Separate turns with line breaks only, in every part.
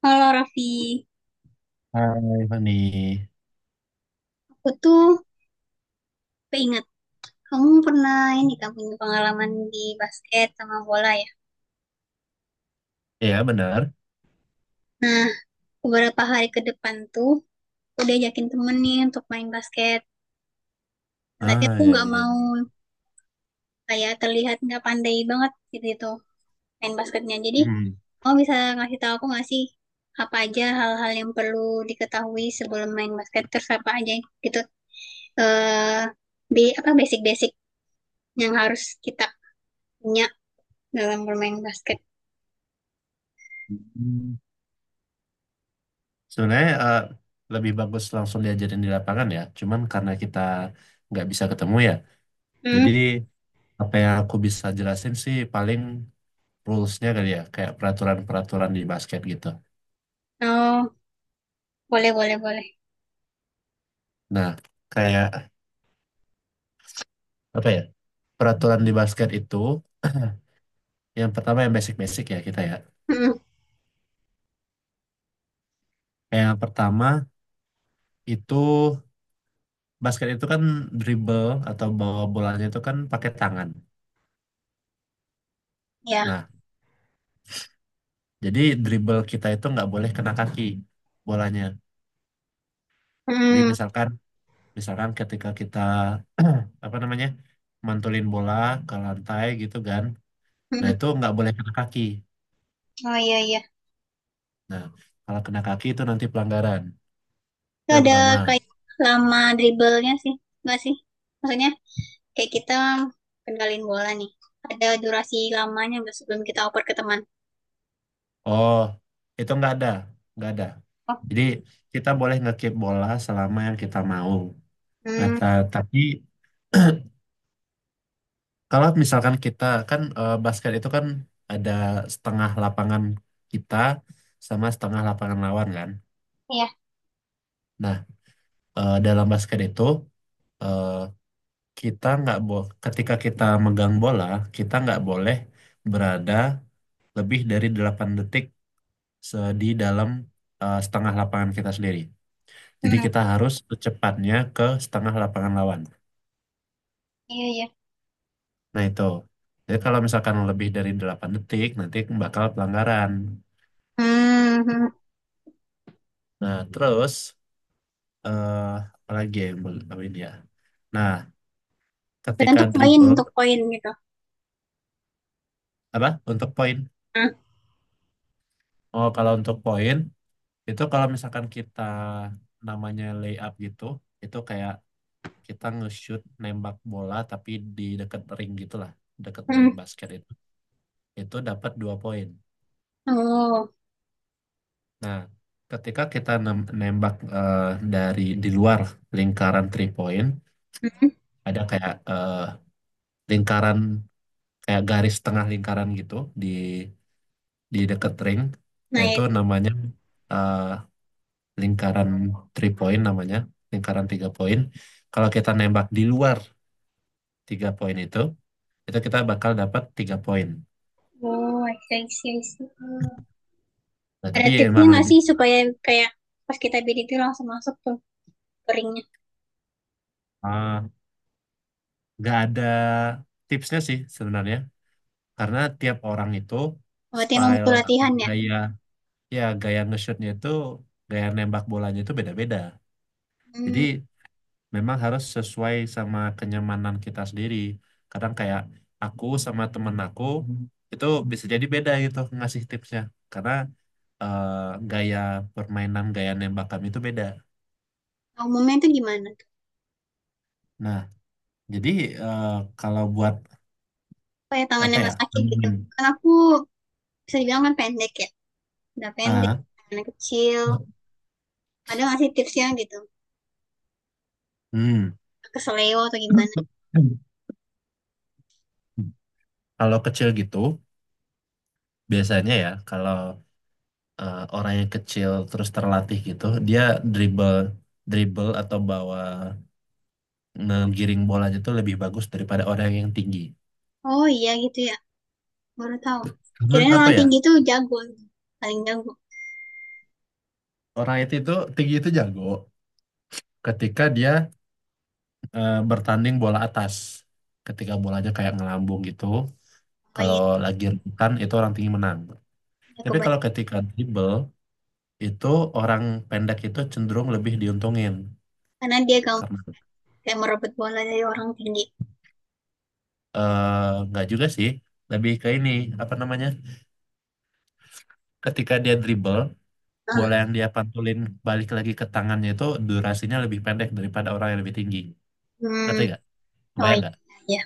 Halo Raffi,
Hai Fani.
aku tuh keinget kamu pernah ini kan punya pengalaman di basket sama bola ya.
Iya benar.
Nah, beberapa hari ke depan tuh aku diajakin temen nih untuk main basket. Tapi
Ah
aku
ya
nggak
ya.
mau kayak terlihat nggak pandai banget gitu main basketnya. Jadi
Hmm.
kamu bisa ngasih tahu aku nggak sih apa aja hal-hal yang perlu diketahui sebelum main basket terus apa aja gitu eh bi apa basic-basic yang harus kita punya dalam bermain basket.
Hmm. Sebenarnya lebih bagus langsung diajarin di lapangan ya. Cuman karena kita nggak bisa ketemu ya.
Hmm.
Jadi apa yang aku bisa jelasin sih paling rules-nya kali ya. Kayak peraturan-peraturan di basket gitu.
Oh, boleh, boleh, boleh.
Nah kayak apa ya? Peraturan di basket itu yang pertama yang basic-basic ya kita ya.
Mm,
Yang pertama itu basket itu kan dribble atau bawa bolanya itu kan pakai tangan.
ya.
Nah, jadi dribble kita itu nggak boleh kena kaki bolanya. Jadi
Mm,
misalkan misalkan ketika kita apa namanya mantulin bola ke lantai gitu kan, nah
mm.
itu nggak boleh kena kaki.
Oh iya, iya.
Nah, kalau kena kaki itu nanti pelanggaran. Itu
Itu
yang
ada
pertama.
kayak lama dribblenya sih, nggak sih? Maksudnya kayak kita kendalin bola nih. Ada durasi lamanya nggak sebelum kita oper ke teman?
Oh, itu nggak ada, nggak ada.
Oh,
Jadi kita boleh ngekip bola selama yang kita mau. Nah,
hmm,
tapi kalau misalkan kita kan basket itu kan ada setengah lapangan kita sama setengah lapangan lawan kan.
iya.
Nah, dalam basket itu eh, kita nggak bo ketika kita megang bola, kita nggak boleh berada lebih dari 8 detik di dalam setengah lapangan kita sendiri. Jadi
Mm,
kita harus secepatnya ke setengah lapangan lawan.
iya, iya.
Nah, itu. Jadi kalau misalkan lebih dari 8 detik nanti bakal pelanggaran.
Hmm, hmm.
Nah, terus eh apalagi ya yang boleh ditambahin ya. Nah,
Dan
ketika
untuk poin,
dribble
untuk poin gitu.
apa untuk poin?
Ah,
Oh, kalau untuk poin itu kalau misalkan kita namanya layup gitu, itu kayak kita nge-shoot nembak bola tapi di deket ring gitulah, deket ring
hmm.
basket itu. Itu dapat 2 poin.
Oh,
Nah, ketika kita nembak dari di luar lingkaran three point,
hmm.
ada kayak lingkaran kayak garis tengah lingkaran gitu di di dekat ring.
Nah,
Nah,
ya.
itu namanya eh, lingkaran three point namanya, lingkaran 3 poin. Kalau kita nembak di luar 3 poin itu kita bakal dapat 3 poin.
Oh, I see, I see, I see.
Nah,
Ada
tapi
tipsnya
emang
nggak
lebih
sih supaya kayak pas kita bid itu langsung masuk tuh keringnya?
eh, nggak ada tipsnya sih sebenarnya, karena tiap orang itu
Berarti emang
style
butuh
atau
latihan ya?
gaya ya gaya nge-shootnya itu gaya nembak bolanya itu beda-beda. Jadi
Hmm,
memang harus sesuai sama kenyamanan kita sendiri. Kadang kayak aku sama temen aku itu bisa jadi beda gitu ngasih tipsnya karena eh, gaya permainan gaya nembak kami itu beda.
Umumnya itu gimana?
Nah, jadi eh, kalau buat
Kayak tangannya
apa ya?
nggak sakit gitu.
Nemuin.
Kan aku bisa dibilang kan pendek ya. Udah pendek,
Ah,
tangannya kecil. Ada nggak sih tipsnya gitu?
hmm.
Ke seleo atau gimana?
Kalau kecil gitu, biasanya ya kalau orang yang kecil terus terlatih gitu, dia dribble dribble atau bawa ngegiring bolanya tuh lebih bagus daripada orang yang tinggi.
Oh iya gitu ya, baru tahu.
Menurut
Kirain
apa
orang
ya?
tinggi tuh jago, gitu, paling jago.
Orang itu tinggi itu jago ketika dia bertanding bola atas. Ketika bolanya kayak ngelambung gitu,
Oh
kalau
iya,
lagi rebutan itu orang tinggi menang.
ya
Tapi kalau
kebayang.
ketika dribble itu orang pendek itu cenderung lebih diuntungin
Karena dia
karena
kayak merebut bola dari orang tinggi.
nggak juga sih, lebih ke ini apa namanya? Ketika dia dribble bola
Ah,
yang dia pantulin balik lagi ke tangannya itu durasinya lebih pendek daripada orang yang lebih tinggi. Ngerti
hmm,
gak?
oh
Kebayang
iya,
gak?
iya.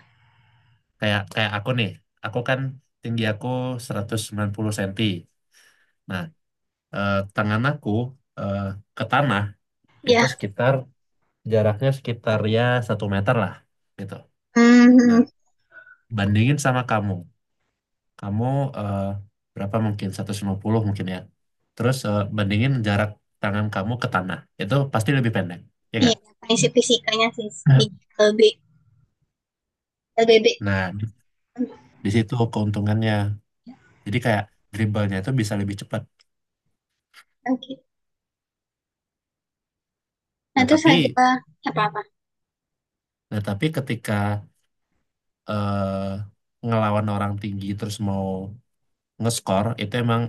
Kayak kayak aku nih, aku kan tinggi aku 190 cm. Nah, tangan aku eh, ke tanah itu
Iya,
sekitar jaraknya sekitar ya 1 meter lah gitu.
hmm, hmm,
Nah,
hmm.
bandingin sama kamu. Kamu eh, berapa mungkin? 150 mungkin ya. Terus bandingin jarak tangan kamu ke tanah. Itu pasti lebih pendek, ya gak?
Iya. Prinsip fisikanya sih di LB, LBB.
Nah, di
Hmm,
di situ keuntungannya. Jadi kayak dribblenya itu bisa lebih cepat.
Oke. Nah,
Nah,
terus
tapi
ada apa-apa?
nah, tapi ketika eh, ngelawan orang tinggi terus mau ngeskor itu emang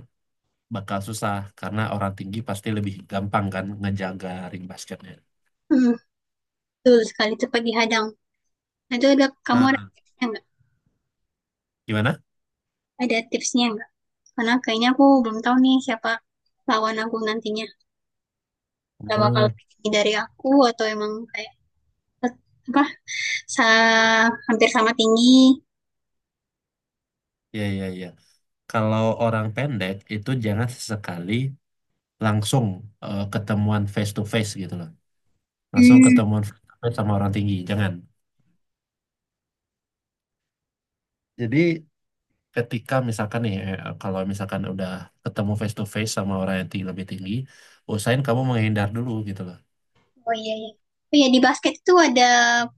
bakal susah karena orang tinggi pasti lebih gampang kan ngejaga ring basketnya.
Hmm, Betul sekali itu pagi hadang. Nah, itu ada kamu ada
Nah,
tipsnya nggak?
gimana?
Ada tipsnya nggak? Karena kayaknya aku belum tahu nih siapa lawan aku nantinya. Udah bakal
Oh,
lebih tinggi dari aku atau emang kayak tet- apa? Sa Hampir sama tinggi.
ya ya ya. Kalau orang pendek itu jangan sesekali langsung ketemuan face to face gitu loh. Langsung
Hmm,
ketemuan face to face sama orang tinggi, jangan. Jadi ketika misalkan nih kalau misalkan udah ketemu face to face sama orang yang lebih tinggi, usahain kamu menghindar dulu gitu loh.
oh iya iya. Oh iya di basket itu ada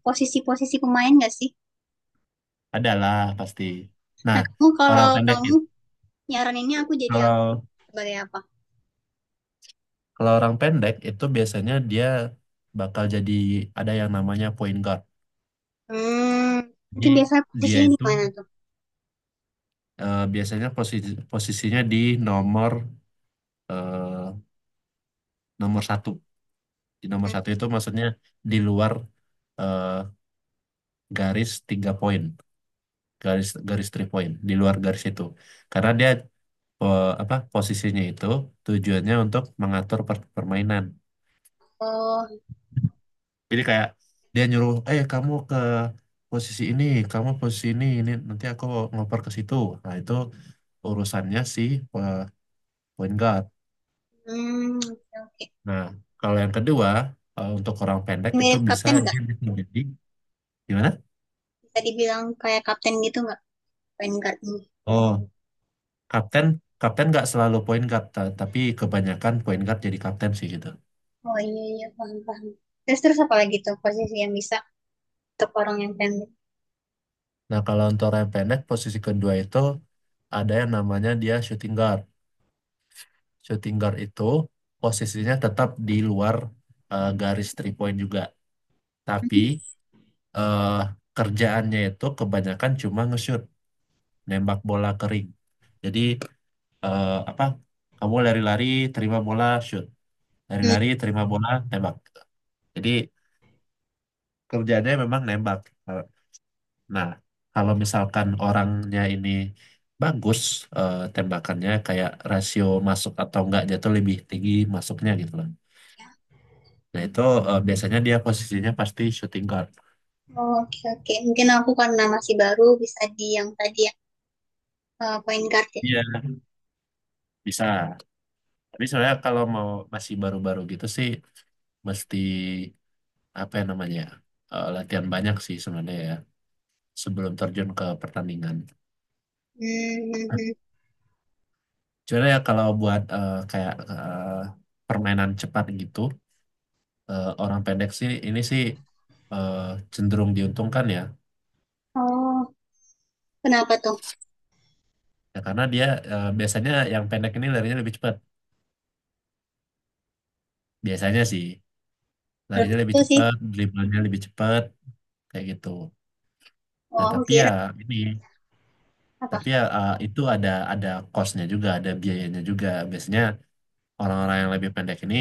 posisi-posisi pemain nggak sih?
Adalah pasti. Nah,
Nah, kamu
orang
kalau
pendek
kamu
itu
nyaraninnya aku jadi apa?
kalau
Sebagai apa?
orang pendek itu biasanya dia bakal jadi ada yang namanya point guard.
Hmm, itu
Jadi
biasanya
dia
posisinya di
itu
mana tuh?
biasanya posisinya di nomor eh, nomor satu. Di nomor satu itu maksudnya di luar eh, garis 3 poin, garis garis three point, di luar garis itu. Karena dia apa posisinya itu tujuannya untuk mengatur permainan.
Oh,
Jadi kayak dia nyuruh, kamu ke posisi ini, kamu posisi ini nanti aku ngoper ke situ. Nah itu urusannya si eh, point guard.
hmm, oke. Oke.
Nah kalau yang kedua untuk orang pendek itu
Mirip
bisa
kapten nggak?
dia bisa jadi gimana?
Bisa dibilang kayak kapten gitu nggak? Point guardnya.
Oh, kapten kapten nggak selalu point guard, tapi kebanyakan point guard jadi kapten sih gitu.
Oh iya iya paham paham. Terus terus apa lagi tuh posisi yang bisa untuk orang yang pendek?
Nah kalau untuk orang yang pendek posisi kedua itu ada yang namanya dia shooting guard. Shooting guard itu posisinya tetap di luar garis three point juga. Tapi eh, kerjaannya itu kebanyakan cuma nge-shoot, nembak bola kering. Jadi apa? Kamu lari-lari, terima bola, shoot.
Hmm.
Lari-lari, terima bola, tembak. Jadi kerjaannya memang nembak. Eh, Nah, kalau misalkan orangnya ini bagus tembakannya kayak rasio masuk atau enggaknya tuh lebih tinggi masuknya gitu loh. Nah, itu biasanya dia posisinya pasti shooting guard.
Oh, oke oke. Mungkin aku karena masih baru bisa di yang tadi ya point guard ya.
Iya, bisa. Tapi sebenarnya kalau mau masih baru-baru gitu sih mesti apa ya namanya latihan banyak sih sebenarnya ya sebelum terjun ke pertandingan.
Hmm. Hmm, hmm.
Cuma ya kalau buat kayak permainan cepat gitu orang pendek sih ini sih eh, cenderung diuntungkan ya.
Oh kenapa tuh?
Ya karena dia biasanya yang pendek ini larinya lebih cepat. Biasanya sih
Belum
larinya lebih
tentu sih.
cepat, dribblenya lebih cepat kayak gitu.
Oh
Nah
aku
tapi ya
kira
ini
apa?
tapi ya eh, itu ada costnya juga, ada biayanya juga. Biasanya orang-orang yang lebih pendek ini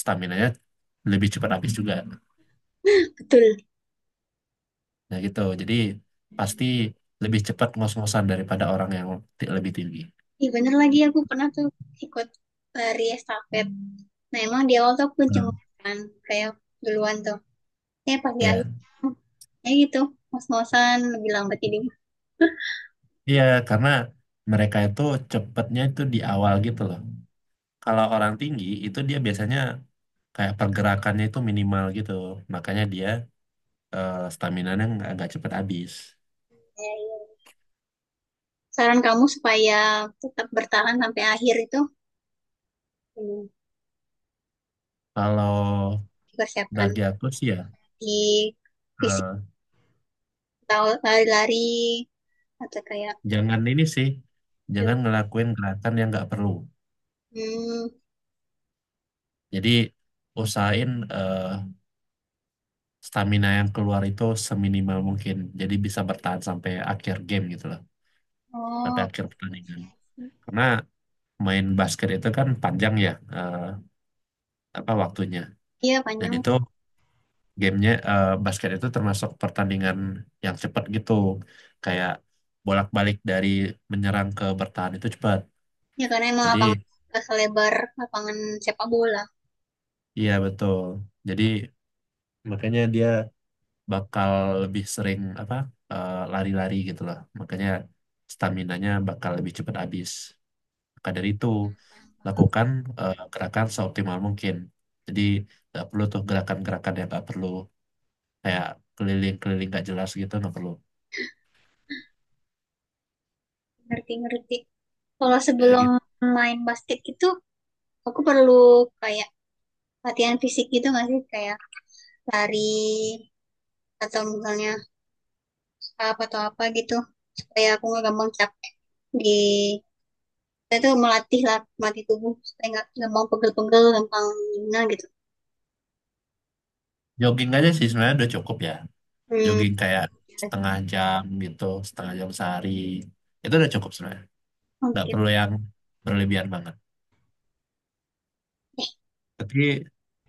stamina-nya lebih cepat habis juga.
Betul.
Nah gitu, jadi pasti lebih cepat ngos-ngosan daripada orang yang lebih tinggi.
Iya bener lagi aku pernah tuh ikut lari estafet. Nah emang di awal tuh aku cengok
Hmm.
kan kayak duluan tuh. Eh pas di akhir
Iya,
ya gitu ngos-ngosan lebih lambat. Jadi
iya, karena mereka itu cepetnya itu di awal gitu loh. Kalau orang tinggi itu dia biasanya kayak pergerakannya itu minimal gitu, makanya dia eh, nggak cepat habis.
saran kamu supaya tetap bertahan sampai akhir itu hmm,
Kalau
dipersiapkan
bagi aku sih ya,
di fisik
eh,
atau lari-lari atau kayak
jangan ini sih, jangan ngelakuin gerakan yang nggak perlu.
hmm,
Jadi usahain eh, stamina yang keluar itu seminimal mungkin. Jadi bisa bertahan sampai akhir game gitu loh, sampai
oh
akhir pertandingan. Karena main basket itu kan panjang ya eh, apa waktunya.
iya
Dan
panjang
itu gamenya basket itu termasuk pertandingan yang cepat gitu. Kayak bolak-balik dari menyerang ke bertahan itu cepat.
ya karena emang
Jadi
lapangan nggak selebar lapangan sepak bola
iya betul. Jadi makanya dia bakal lebih sering apa lari-lari gitu loh. Makanya staminanya bakal lebih cepat habis. Maka dari itu, lakukan gerakan seoptimal mungkin. Jadi nggak perlu tuh gerakan-gerakan yang nggak perlu kayak keliling-keliling nggak jelas gitu nggak perlu.
ngerti-ngerti kalau
Kayak
sebelum
gitu.
main basket itu aku perlu kayak latihan fisik gitu nggak sih kayak lari atau misalnya up atau apa gitu supaya aku nggak gampang capek di kita tuh melatih tubuh supaya nggak gampang pegel-pegel gampang gimana gitu
Jogging aja sih sebenarnya udah cukup ya.
hmm,
Jogging kayak
Oke.
setengah jam gitu, setengah jam sehari. Itu udah cukup sebenarnya. Nggak
Oke.
perlu yang berlebihan banget. Tapi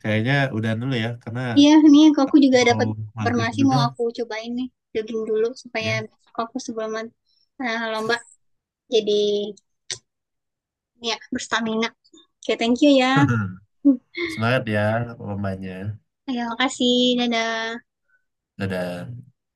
kayaknya udah dulu ya karena
Iya nih kok aku juga
mau
dapat
maghrib
informasi mau
juga
aku cobain nih jogging dulu supaya
ya.
besok aku sebelum lomba jadi ini ya berstamina. Oke thank you ya. Hmm.
Semangat ya pemainnya.
Ya makasih dadah.
Dadah.